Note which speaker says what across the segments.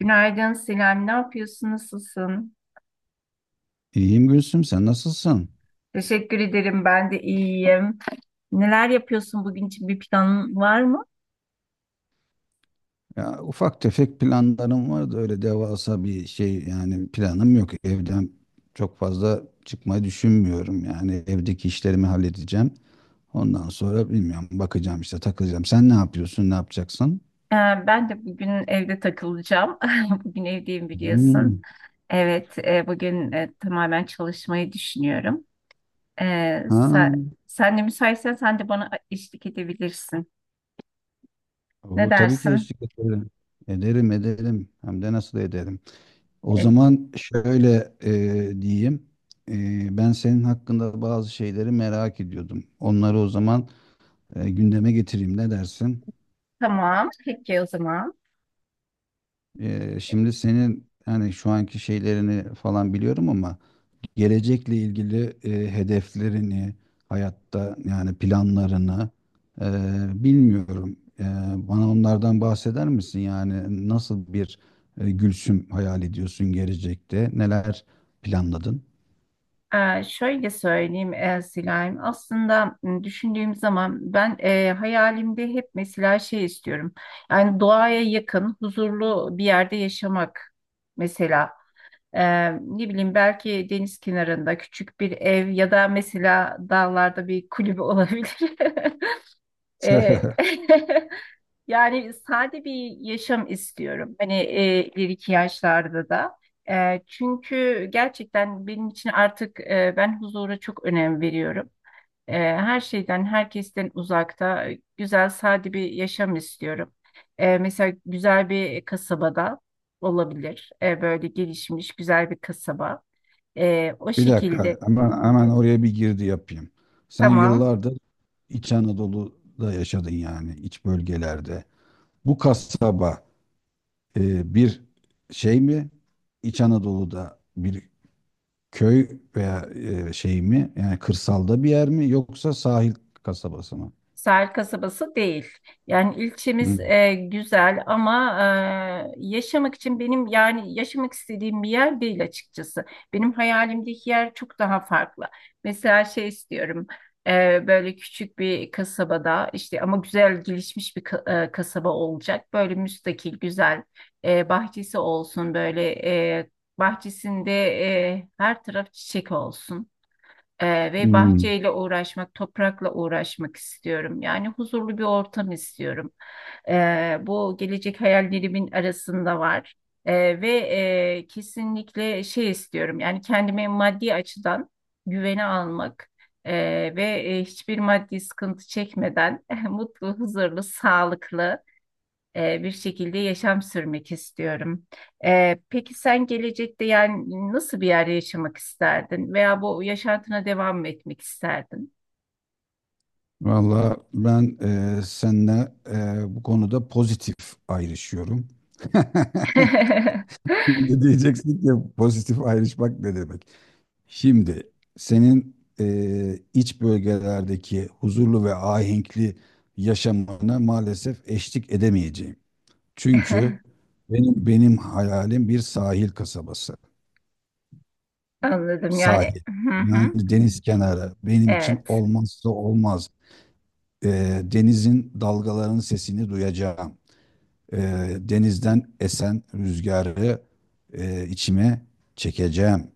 Speaker 1: Günaydın Sinem, ne yapıyorsun, nasılsın?
Speaker 2: İyiyim Gülsüm, sen nasılsın?
Speaker 1: Teşekkür ederim, ben de iyiyim. Neler yapıyorsun bugün için bir planın var mı?
Speaker 2: Ya ufak tefek planlarım var da öyle devasa bir şey yani planım yok. Evden çok fazla çıkmayı düşünmüyorum. Yani evdeki işlerimi halledeceğim. Ondan sonra bilmiyorum bakacağım işte takılacağım. Sen ne yapıyorsun, ne yapacaksın?
Speaker 1: Ee, ben de bugün evde takılacağım. Bugün evdeyim biliyorsun.
Speaker 2: Hmm.
Speaker 1: Evet, bugün tamamen çalışmayı düşünüyorum. Ee,
Speaker 2: Ha,
Speaker 1: sen, sen de müsaitsen sen de bana eşlik edebilirsin. Ne
Speaker 2: o, tabii ki
Speaker 1: dersin?
Speaker 2: eşlik ederim. Ederim, ederim. Hem de nasıl ederim. O
Speaker 1: E,
Speaker 2: zaman şöyle diyeyim. Ben senin hakkında bazı şeyleri merak ediyordum. Onları o zaman gündeme getireyim. Ne dersin?
Speaker 1: tamam. Peki o zaman. E,
Speaker 2: Şimdi senin hani şu anki şeylerini falan biliyorum ama gelecekle ilgili hedeflerini, hayatta yani planlarını e, bilmiyorum. Bana onlardan bahseder misin? Yani nasıl bir Gülsüm hayal ediyorsun gelecekte? Neler planladın?
Speaker 1: Şöyle söyleyeyim, Silayim. Aslında, düşündüğüm zaman ben, hayalimde hep mesela şey istiyorum. Yani doğaya yakın, huzurlu bir yerde yaşamak mesela. Ne bileyim, belki deniz kenarında küçük bir ev ya da mesela dağlarda bir kulübe olabilir. Ee, Yani sade bir yaşam istiyorum. Hani, ileriki yaşlarda da. Çünkü gerçekten benim için artık, ben huzura çok önem veriyorum. Her şeyden, herkesten uzakta güzel, sade bir yaşam istiyorum. Mesela güzel bir kasabada olabilir. Böyle gelişmiş, güzel bir kasaba. O
Speaker 2: Bir dakika,
Speaker 1: şekilde.
Speaker 2: hemen oraya bir girdi yapayım. Sen
Speaker 1: Tamam.
Speaker 2: yıllardır İç Anadolu'da yaşadın yani iç bölgelerde. Bu kasaba bir şey mi? İç Anadolu'da bir köy veya şey mi? Yani kırsalda bir yer mi? Yoksa sahil kasabası mı?
Speaker 1: Sahil kasabası değil. Yani ilçemiz,
Speaker 2: Hı.
Speaker 1: güzel ama, yaşamak için benim, yani yaşamak istediğim bir yer değil açıkçası. Benim hayalimdeki yer çok daha farklı. Mesela şey istiyorum, böyle küçük bir kasabada işte, ama güzel gelişmiş bir kasaba olacak. Böyle müstakil, güzel, bahçesi olsun, böyle, e, bahçesinde, her taraf çiçek olsun. Ve
Speaker 2: Hmm.
Speaker 1: bahçeyle uğraşmak, toprakla uğraşmak istiyorum. Yani huzurlu bir ortam istiyorum. Bu gelecek hayallerimin arasında var. Ee, ve Kesinlikle şey istiyorum. Yani kendime maddi açıdan güvene almak, e, ve hiçbir maddi sıkıntı çekmeden mutlu, huzurlu, sağlıklı, bir şekilde yaşam sürmek istiyorum. Peki sen gelecekte, yani nasıl bir yerde yaşamak isterdin veya bu yaşantına devam mı etmek isterdin?
Speaker 2: Valla ben seninle bu konuda pozitif ayrışıyorum. Şimdi diyeceksin ki pozitif ayrışmak ne demek? Şimdi senin iç bölgelerdeki huzurlu ve ahenkli yaşamına maalesef eşlik edemeyeceğim. Çünkü benim hayalim bir sahil kasabası.
Speaker 1: Anladım yani.
Speaker 2: Sahil.
Speaker 1: Hı
Speaker 2: Yani
Speaker 1: hı.
Speaker 2: deniz kenarı. Benim için
Speaker 1: Evet.
Speaker 2: olmazsa olmaz. Denizin dalgalarının sesini duyacağım. Denizden esen rüzgarı içime çekeceğim.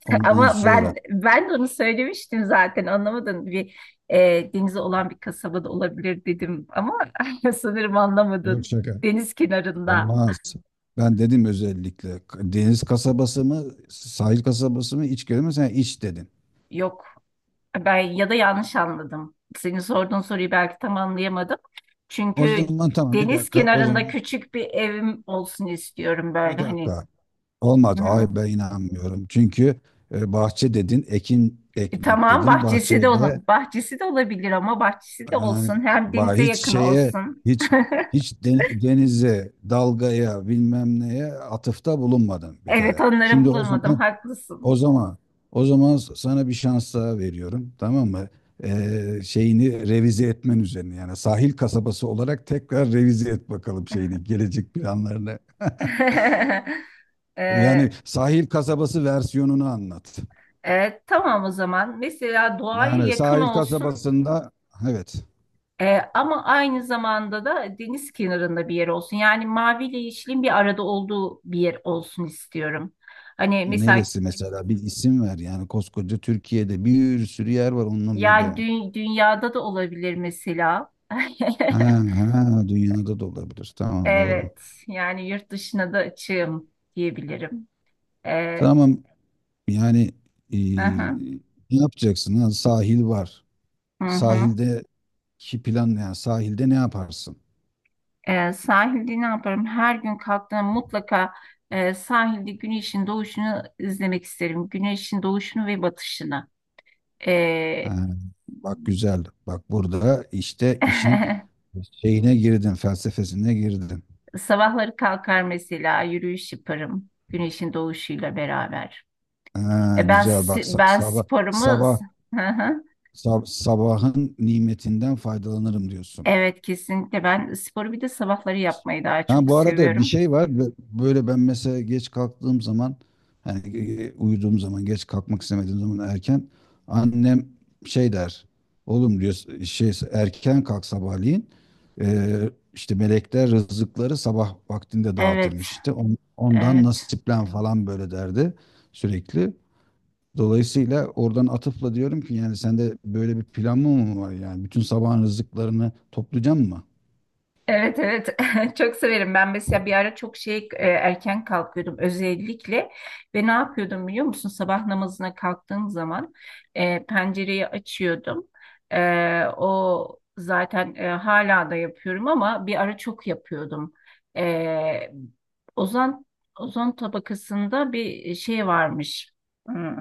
Speaker 2: Ondan
Speaker 1: Ama ben
Speaker 2: sonra
Speaker 1: ben de onu söylemiştim zaten, anlamadın. Bir, denize olan bir kasabada olabilir dedim ama sanırım
Speaker 2: yok
Speaker 1: anlamadın.
Speaker 2: şaka.
Speaker 1: Deniz kenarında.
Speaker 2: Olmaz. Ben dedim özellikle deniz kasabası mı, sahil kasabası mı, iç köy mü? Sen iç dedin.
Speaker 1: Yok. Ben, ya da yanlış anladım. Senin sorduğun soruyu belki tam anlayamadım.
Speaker 2: O
Speaker 1: Çünkü
Speaker 2: zaman tamam bir
Speaker 1: deniz
Speaker 2: dakika, o
Speaker 1: kenarında
Speaker 2: zaman
Speaker 1: küçük bir evim olsun istiyorum,
Speaker 2: bir
Speaker 1: böyle hani.
Speaker 2: dakika.
Speaker 1: Hı.
Speaker 2: Olmadı.
Speaker 1: Hı.
Speaker 2: Ay ben inanmıyorum. Çünkü bahçe dedin, ekin ekmek
Speaker 1: Tamam,
Speaker 2: dedin. Bahçeyle
Speaker 1: bahçesi de olabilir ama bahçesi
Speaker 2: e,
Speaker 1: de olsun, hem denize
Speaker 2: hiç
Speaker 1: yakın
Speaker 2: şeye,
Speaker 1: olsun.
Speaker 2: hiç hiç denize, dalgaya, bilmem neye atıfta bulunmadın bir
Speaker 1: Evet,
Speaker 2: kere.
Speaker 1: onları
Speaker 2: Şimdi o
Speaker 1: bulamadım,
Speaker 2: zaman
Speaker 1: haklısın.
Speaker 2: O zaman o zaman sana bir şans daha veriyorum. Tamam mı? Şeyini revize etmen üzerine yani sahil kasabası olarak tekrar revize et bakalım şeyini gelecek planlarını.
Speaker 1: Ee,
Speaker 2: Yani sahil kasabası versiyonunu anlat.
Speaker 1: evet, tamam o zaman. Mesela doğaya
Speaker 2: Yani
Speaker 1: yakın
Speaker 2: sahil
Speaker 1: olsun.
Speaker 2: kasabasında, evet,
Speaker 1: Ama aynı zamanda da deniz kenarında bir yer olsun. Yani maviyle yeşilin bir arada olduğu bir yer olsun istiyorum. Hani mesela,
Speaker 2: neresi mesela bir isim ver yani koskoca Türkiye'de bir sürü yer var onun gibi.
Speaker 1: yani dünyada da olabilir mesela.
Speaker 2: Ha, ha, dünyada da olabilir. Tamam doğru.
Speaker 1: Evet, yani yurt dışına da açığım diyebilirim. E,
Speaker 2: Tamam. Yani e,
Speaker 1: hı hı,
Speaker 2: ne yapacaksın? Ha, sahil var.
Speaker 1: hı hı.
Speaker 2: Sahildeki plan ne? Yani sahilde ne yaparsın?
Speaker 1: Sahilde ne yaparım? Her gün kalktığımda mutlaka, sahilde güneşin doğuşunu izlemek isterim. Güneşin doğuşunu ve batışını. E,
Speaker 2: Ha, bak güzel. Bak burada işte işin şeyine girdin, felsefesine girdin.
Speaker 1: Sabahları kalkar, mesela yürüyüş yaparım güneşin doğuşuyla beraber.
Speaker 2: Ha,
Speaker 1: E ben
Speaker 2: güzel. Bak
Speaker 1: si- ben
Speaker 2: sabah
Speaker 1: sporumu
Speaker 2: sabah
Speaker 1: Hı hı.
Speaker 2: sabahın nimetinden faydalanırım diyorsun.
Speaker 1: Evet, kesinlikle ben sporu bir de sabahları yapmayı daha
Speaker 2: Ha,
Speaker 1: çok
Speaker 2: bu arada bir
Speaker 1: seviyorum.
Speaker 2: şey var. Böyle ben mesela geç kalktığım zaman yani uyuduğum zaman geç kalkmak istemediğim zaman erken annem şey der. Oğlum diyor şey erken kalk sabahleyin. E, işte melekler rızıkları sabah vaktinde
Speaker 1: Evet.
Speaker 2: dağıtırmış işte. Ondan
Speaker 1: Evet.
Speaker 2: nasiplen falan böyle derdi sürekli. Dolayısıyla oradan atıfla diyorum ki yani sende böyle bir plan mı var yani bütün sabahın rızıklarını toplayacağım mı?
Speaker 1: Evet, evet. Çok severim ben. Mesela bir ara çok şey, erken kalkıyordum özellikle, ve ne yapıyordum biliyor musun? Sabah namazına kalktığım zaman, pencereyi açıyordum. O zaten, hala da yapıyorum ama bir ara çok yapıyordum. E, ozon ozon tabakasında bir şey varmış, Hmm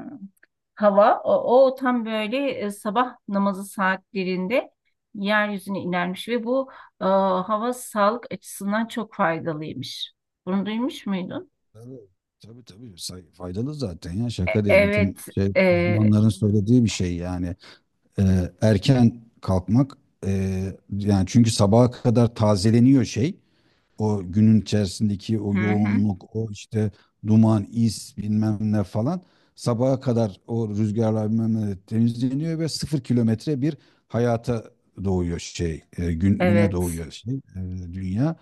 Speaker 1: hava o tam böyle, sabah namazı saatlerinde yeryüzüne inermiş, ve bu, hava sağlık açısından çok faydalıymış. Bunu duymuş muydun?
Speaker 2: Tabii tabii. Tabii. Faydalı zaten ya şaka değil.
Speaker 1: Evet.
Speaker 2: Bütün şey,
Speaker 1: e,
Speaker 2: uzmanların söylediği bir şey yani. Erken kalkmak e, yani çünkü sabaha kadar tazeleniyor şey. O günün içerisindeki o
Speaker 1: hı hı,
Speaker 2: yoğunluk, o işte duman, is bilmem ne falan sabaha kadar o rüzgarlar bilmem ne temizleniyor ve 0 kilometre bir hayata doğuyor şey, güne
Speaker 1: evet.
Speaker 2: doğuyor şey, dünya.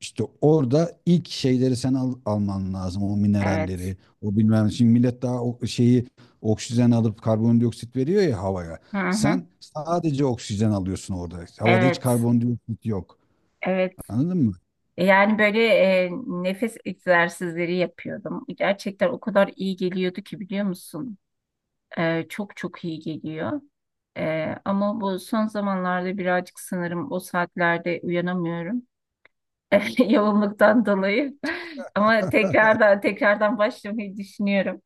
Speaker 2: İşte orada ilk şeyleri sen alman lazım, o
Speaker 1: Evet.
Speaker 2: mineralleri, o bilmem. Şimdi millet daha o şeyi oksijen alıp karbondioksit veriyor ya havaya.
Speaker 1: Hı hı,
Speaker 2: Sen sadece oksijen alıyorsun orada. Havada hiç
Speaker 1: evet.
Speaker 2: karbondioksit yok.
Speaker 1: Evet.
Speaker 2: Anladın mı?
Speaker 1: Yani böyle, nefes egzersizleri yapıyordum. Gerçekten o kadar iyi geliyordu ki, biliyor musun? Çok çok iyi geliyor. Ama bu son zamanlarda birazcık sanırım o saatlerde uyanamıyorum. Yoğunluktan dolayı. Ama tekrardan tekrardan başlamayı düşünüyorum.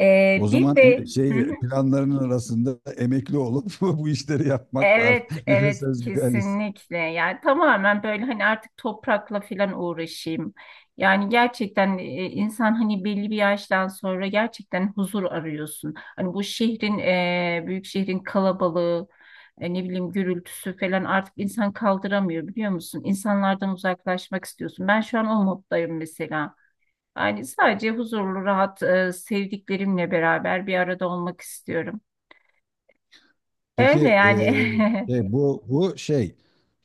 Speaker 2: O
Speaker 1: Bir
Speaker 2: zaman
Speaker 1: de
Speaker 2: şey planlarının arasında emekli olup bu işleri yapmak var.
Speaker 1: evet,
Speaker 2: Nefes
Speaker 1: evet,
Speaker 2: özgürlüğü.
Speaker 1: kesinlikle. Yani tamamen böyle, hani artık toprakla falan uğraşayım. Yani gerçekten, insan hani belli bir yaştan sonra gerçekten huzur arıyorsun. Hani bu şehrin, büyük şehrin kalabalığı, ne bileyim gürültüsü falan, artık insan kaldıramıyor, biliyor musun? İnsanlardan uzaklaşmak istiyorsun. Ben şu an o moddayım mesela. Yani sadece huzurlu, rahat, sevdiklerimle beraber bir arada olmak istiyorum.
Speaker 2: Peki
Speaker 1: Öyle yani.
Speaker 2: şey, bu şey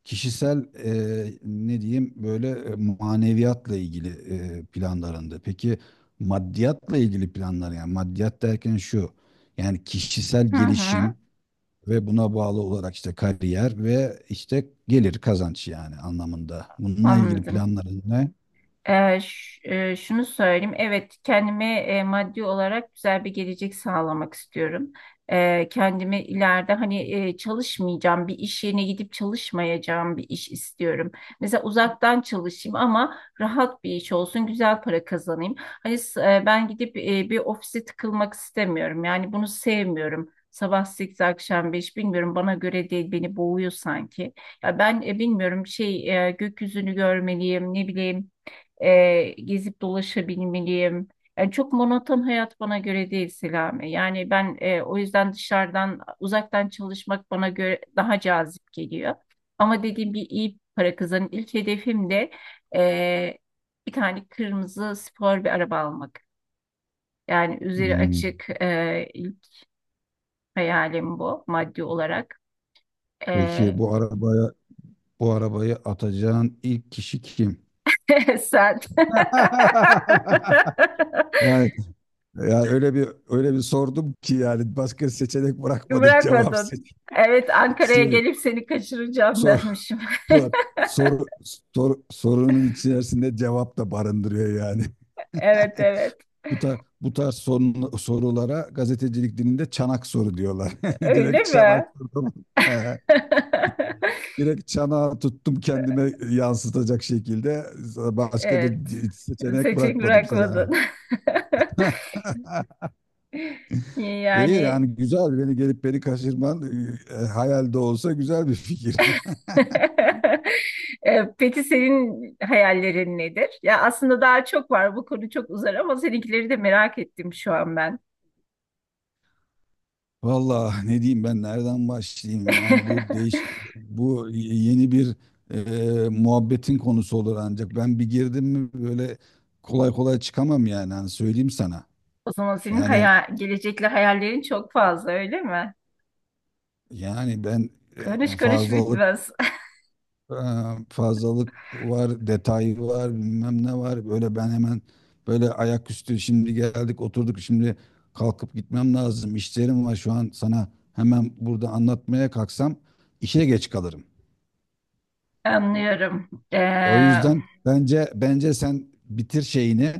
Speaker 2: kişisel ne diyeyim böyle maneviyatla ilgili planlarında. Peki maddiyatla ilgili planlar yani maddiyat derken şu yani kişisel
Speaker 1: Hı hı.
Speaker 2: gelişim ve buna bağlı olarak işte kariyer ve işte gelir kazanç yani anlamında. Bununla ilgili
Speaker 1: Anladım.
Speaker 2: planların ne?
Speaker 1: Şunu söyleyeyim. Evet, kendime, maddi olarak güzel bir gelecek sağlamak istiyorum. Kendimi ileride, hani, çalışmayacağım, bir iş yerine gidip çalışmayacağım bir iş istiyorum. Mesela uzaktan çalışayım, ama rahat bir iş olsun, güzel para kazanayım. Ben gidip, bir ofise tıkılmak istemiyorum. Yani bunu sevmiyorum. Sabah 8, akşam 5, bilmiyorum, bana göre değil, beni boğuyor sanki. Ya ben, bilmiyorum şey, gökyüzünü görmeliyim, ne bileyim, gezip dolaşabilmeliyim. Yani çok monoton hayat bana göre değil, Selami. Yani ben, o yüzden dışarıdan uzaktan çalışmak bana göre daha cazip geliyor. Ama dediğim gibi iyi para kazanın. İlk hedefim de, e, bir tane kırmızı spor bir araba almak. Yani üzeri
Speaker 2: Hmm.
Speaker 1: açık, ilk hayalim bu maddi olarak. E,
Speaker 2: Peki, bu arabayı atacağın ilk kişi kim?
Speaker 1: Sen.
Speaker 2: Yani, yani, öyle bir sordum ki yani başka seçenek bırakmadı cevap
Speaker 1: Bırakmadın.
Speaker 2: seç
Speaker 1: Evet, Ankara'ya
Speaker 2: şey,
Speaker 1: gelip seni kaçıracağım
Speaker 2: sor
Speaker 1: dermişim.
Speaker 2: sor soru sorunun içerisinde cevap da barındırıyor yani.
Speaker 1: Evet, evet.
Speaker 2: Bu tarz, sorulara gazetecilik dilinde çanak soru diyorlar.
Speaker 1: Öyle
Speaker 2: Direkt çanak
Speaker 1: mi?
Speaker 2: sordum. Ee, Direkt çanağı tuttum kendime yansıtacak şekilde. Başka da
Speaker 1: Evet.
Speaker 2: seçenek
Speaker 1: Seçim
Speaker 2: bırakmadım sana.
Speaker 1: bırakmadın.
Speaker 2: İyi
Speaker 1: Yani.
Speaker 2: yani güzel beni gelip beni kaçırman hayalde olsa güzel bir fikir.
Speaker 1: Peki senin hayallerin nedir? Ya aslında daha çok var. Bu konu çok uzar, ama seninkileri de merak ettim şu an ben.
Speaker 2: Valla ne diyeyim ben nereden başlayayım? Yani bu yeni bir muhabbetin konusu olur ancak ben bir girdim mi böyle kolay kolay çıkamam yani hani söyleyeyim sana.
Speaker 1: O zaman senin
Speaker 2: Yani
Speaker 1: hayal, gelecekle hayallerin çok fazla, öyle mi?
Speaker 2: yani, ben
Speaker 1: Konuş
Speaker 2: e,
Speaker 1: konuş
Speaker 2: fazlalık
Speaker 1: bitmez.
Speaker 2: e, fazlalık var, detay var, bilmem ne var. Böyle ben hemen böyle ayaküstü şimdi geldik oturduk şimdi kalkıp gitmem lazım. İşlerim var şu an sana hemen burada anlatmaya kalksam işe geç kalırım.
Speaker 1: Anlıyorum.
Speaker 2: O yüzden bence sen bitir şeyini,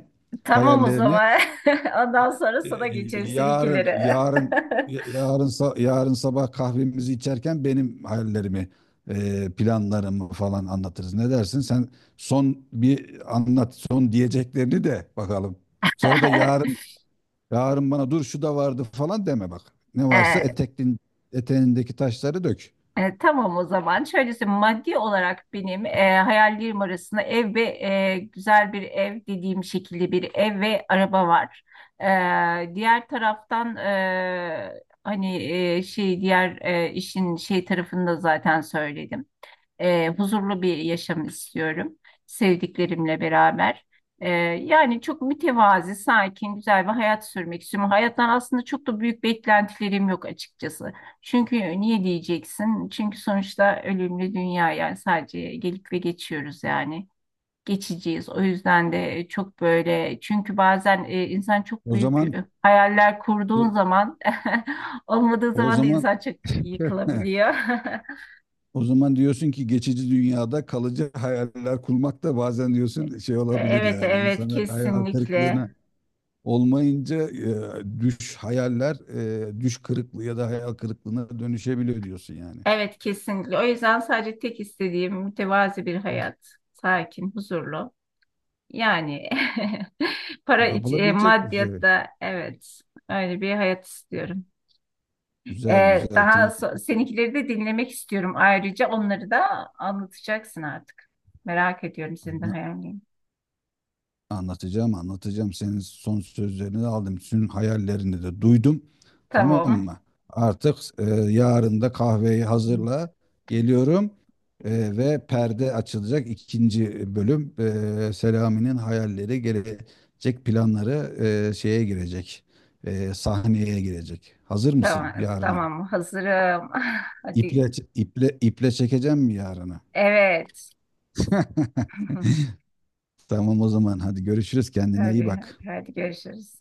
Speaker 1: Tamam o
Speaker 2: hayallerini.
Speaker 1: zaman. Ondan sonra
Speaker 2: Ee,
Speaker 1: sana geçerim
Speaker 2: Yarın,
Speaker 1: seninkileri.
Speaker 2: yarın, Yarın sabah kahvemizi içerken benim hayallerimi, planlarımı falan anlatırız. Ne dersin? Sen son bir anlat, son diyeceklerini de bakalım. Sonra da yarın bana dur şu da vardı falan deme bak. Ne varsa
Speaker 1: Ee,
Speaker 2: eteğindeki taşları dök.
Speaker 1: tamam o zaman. Şöylesi, maddi olarak benim, hayallerim arasında ev ve, güzel bir ev dediğim şekilde bir ev ve araba var. Diğer taraftan, hani, şey, diğer, işin şey tarafını da zaten söyledim. Huzurlu bir yaşam istiyorum, sevdiklerimle beraber. Yani çok mütevazi, sakin, güzel bir hayat sürmek istiyorum. Hayattan aslında çok da büyük beklentilerim yok, açıkçası. Çünkü niye diyeceksin? Çünkü sonuçta ölümlü dünya, yani sadece gelip ve geçiyoruz yani. Geçeceğiz. O yüzden de çok böyle, çünkü bazen, insan çok
Speaker 2: O
Speaker 1: büyük,
Speaker 2: zaman,
Speaker 1: hayaller
Speaker 2: e,
Speaker 1: kurduğun zaman olmadığı
Speaker 2: o
Speaker 1: zaman da
Speaker 2: zaman,
Speaker 1: insan çok yıkılabiliyor.
Speaker 2: O zaman diyorsun ki geçici dünyada kalıcı hayaller kurmak da bazen diyorsun şey
Speaker 1: E,
Speaker 2: olabilir
Speaker 1: Evet,
Speaker 2: yani
Speaker 1: evet,
Speaker 2: insana hayal
Speaker 1: kesinlikle.
Speaker 2: kırıklığına olmayınca e, düş hayaller düş kırıklığı ya da hayal kırıklığına dönüşebiliyor diyorsun yani.
Speaker 1: Evet, kesinlikle. O yüzden sadece tek istediğim mütevazi bir hayat. Sakin, huzurlu. Yani
Speaker 2: Yapılabilecek bir şey.
Speaker 1: maddiyatta, evet, öyle bir hayat istiyorum.
Speaker 2: Güzel
Speaker 1: E,
Speaker 2: güzel
Speaker 1: Daha
Speaker 2: tamam.
Speaker 1: seninkileri de dinlemek istiyorum. Ayrıca onları da anlatacaksın artık. Merak ediyorum senin de hayalini.
Speaker 2: Anlatacağım, anlatacağım. Senin son sözlerini de aldım. Senin hayallerini de duydum. Tamam
Speaker 1: Tamam.
Speaker 2: mı? Artık yarın da kahveyi hazırla. Geliyorum. Ve perde açılacak ikinci bölüm. Selami'nin hayalleri, gelecek planları şeye girecek. Sahneye girecek. Hazır mısın
Speaker 1: Tamam,
Speaker 2: yarına?
Speaker 1: tamam. Hazırım. Hadi.
Speaker 2: İple, iple, iple çekeceğim mi yarına?
Speaker 1: Evet.
Speaker 2: Tamam o zaman hadi görüşürüz. Kendine iyi
Speaker 1: Hadi,
Speaker 2: bak.
Speaker 1: hadi görüşürüz.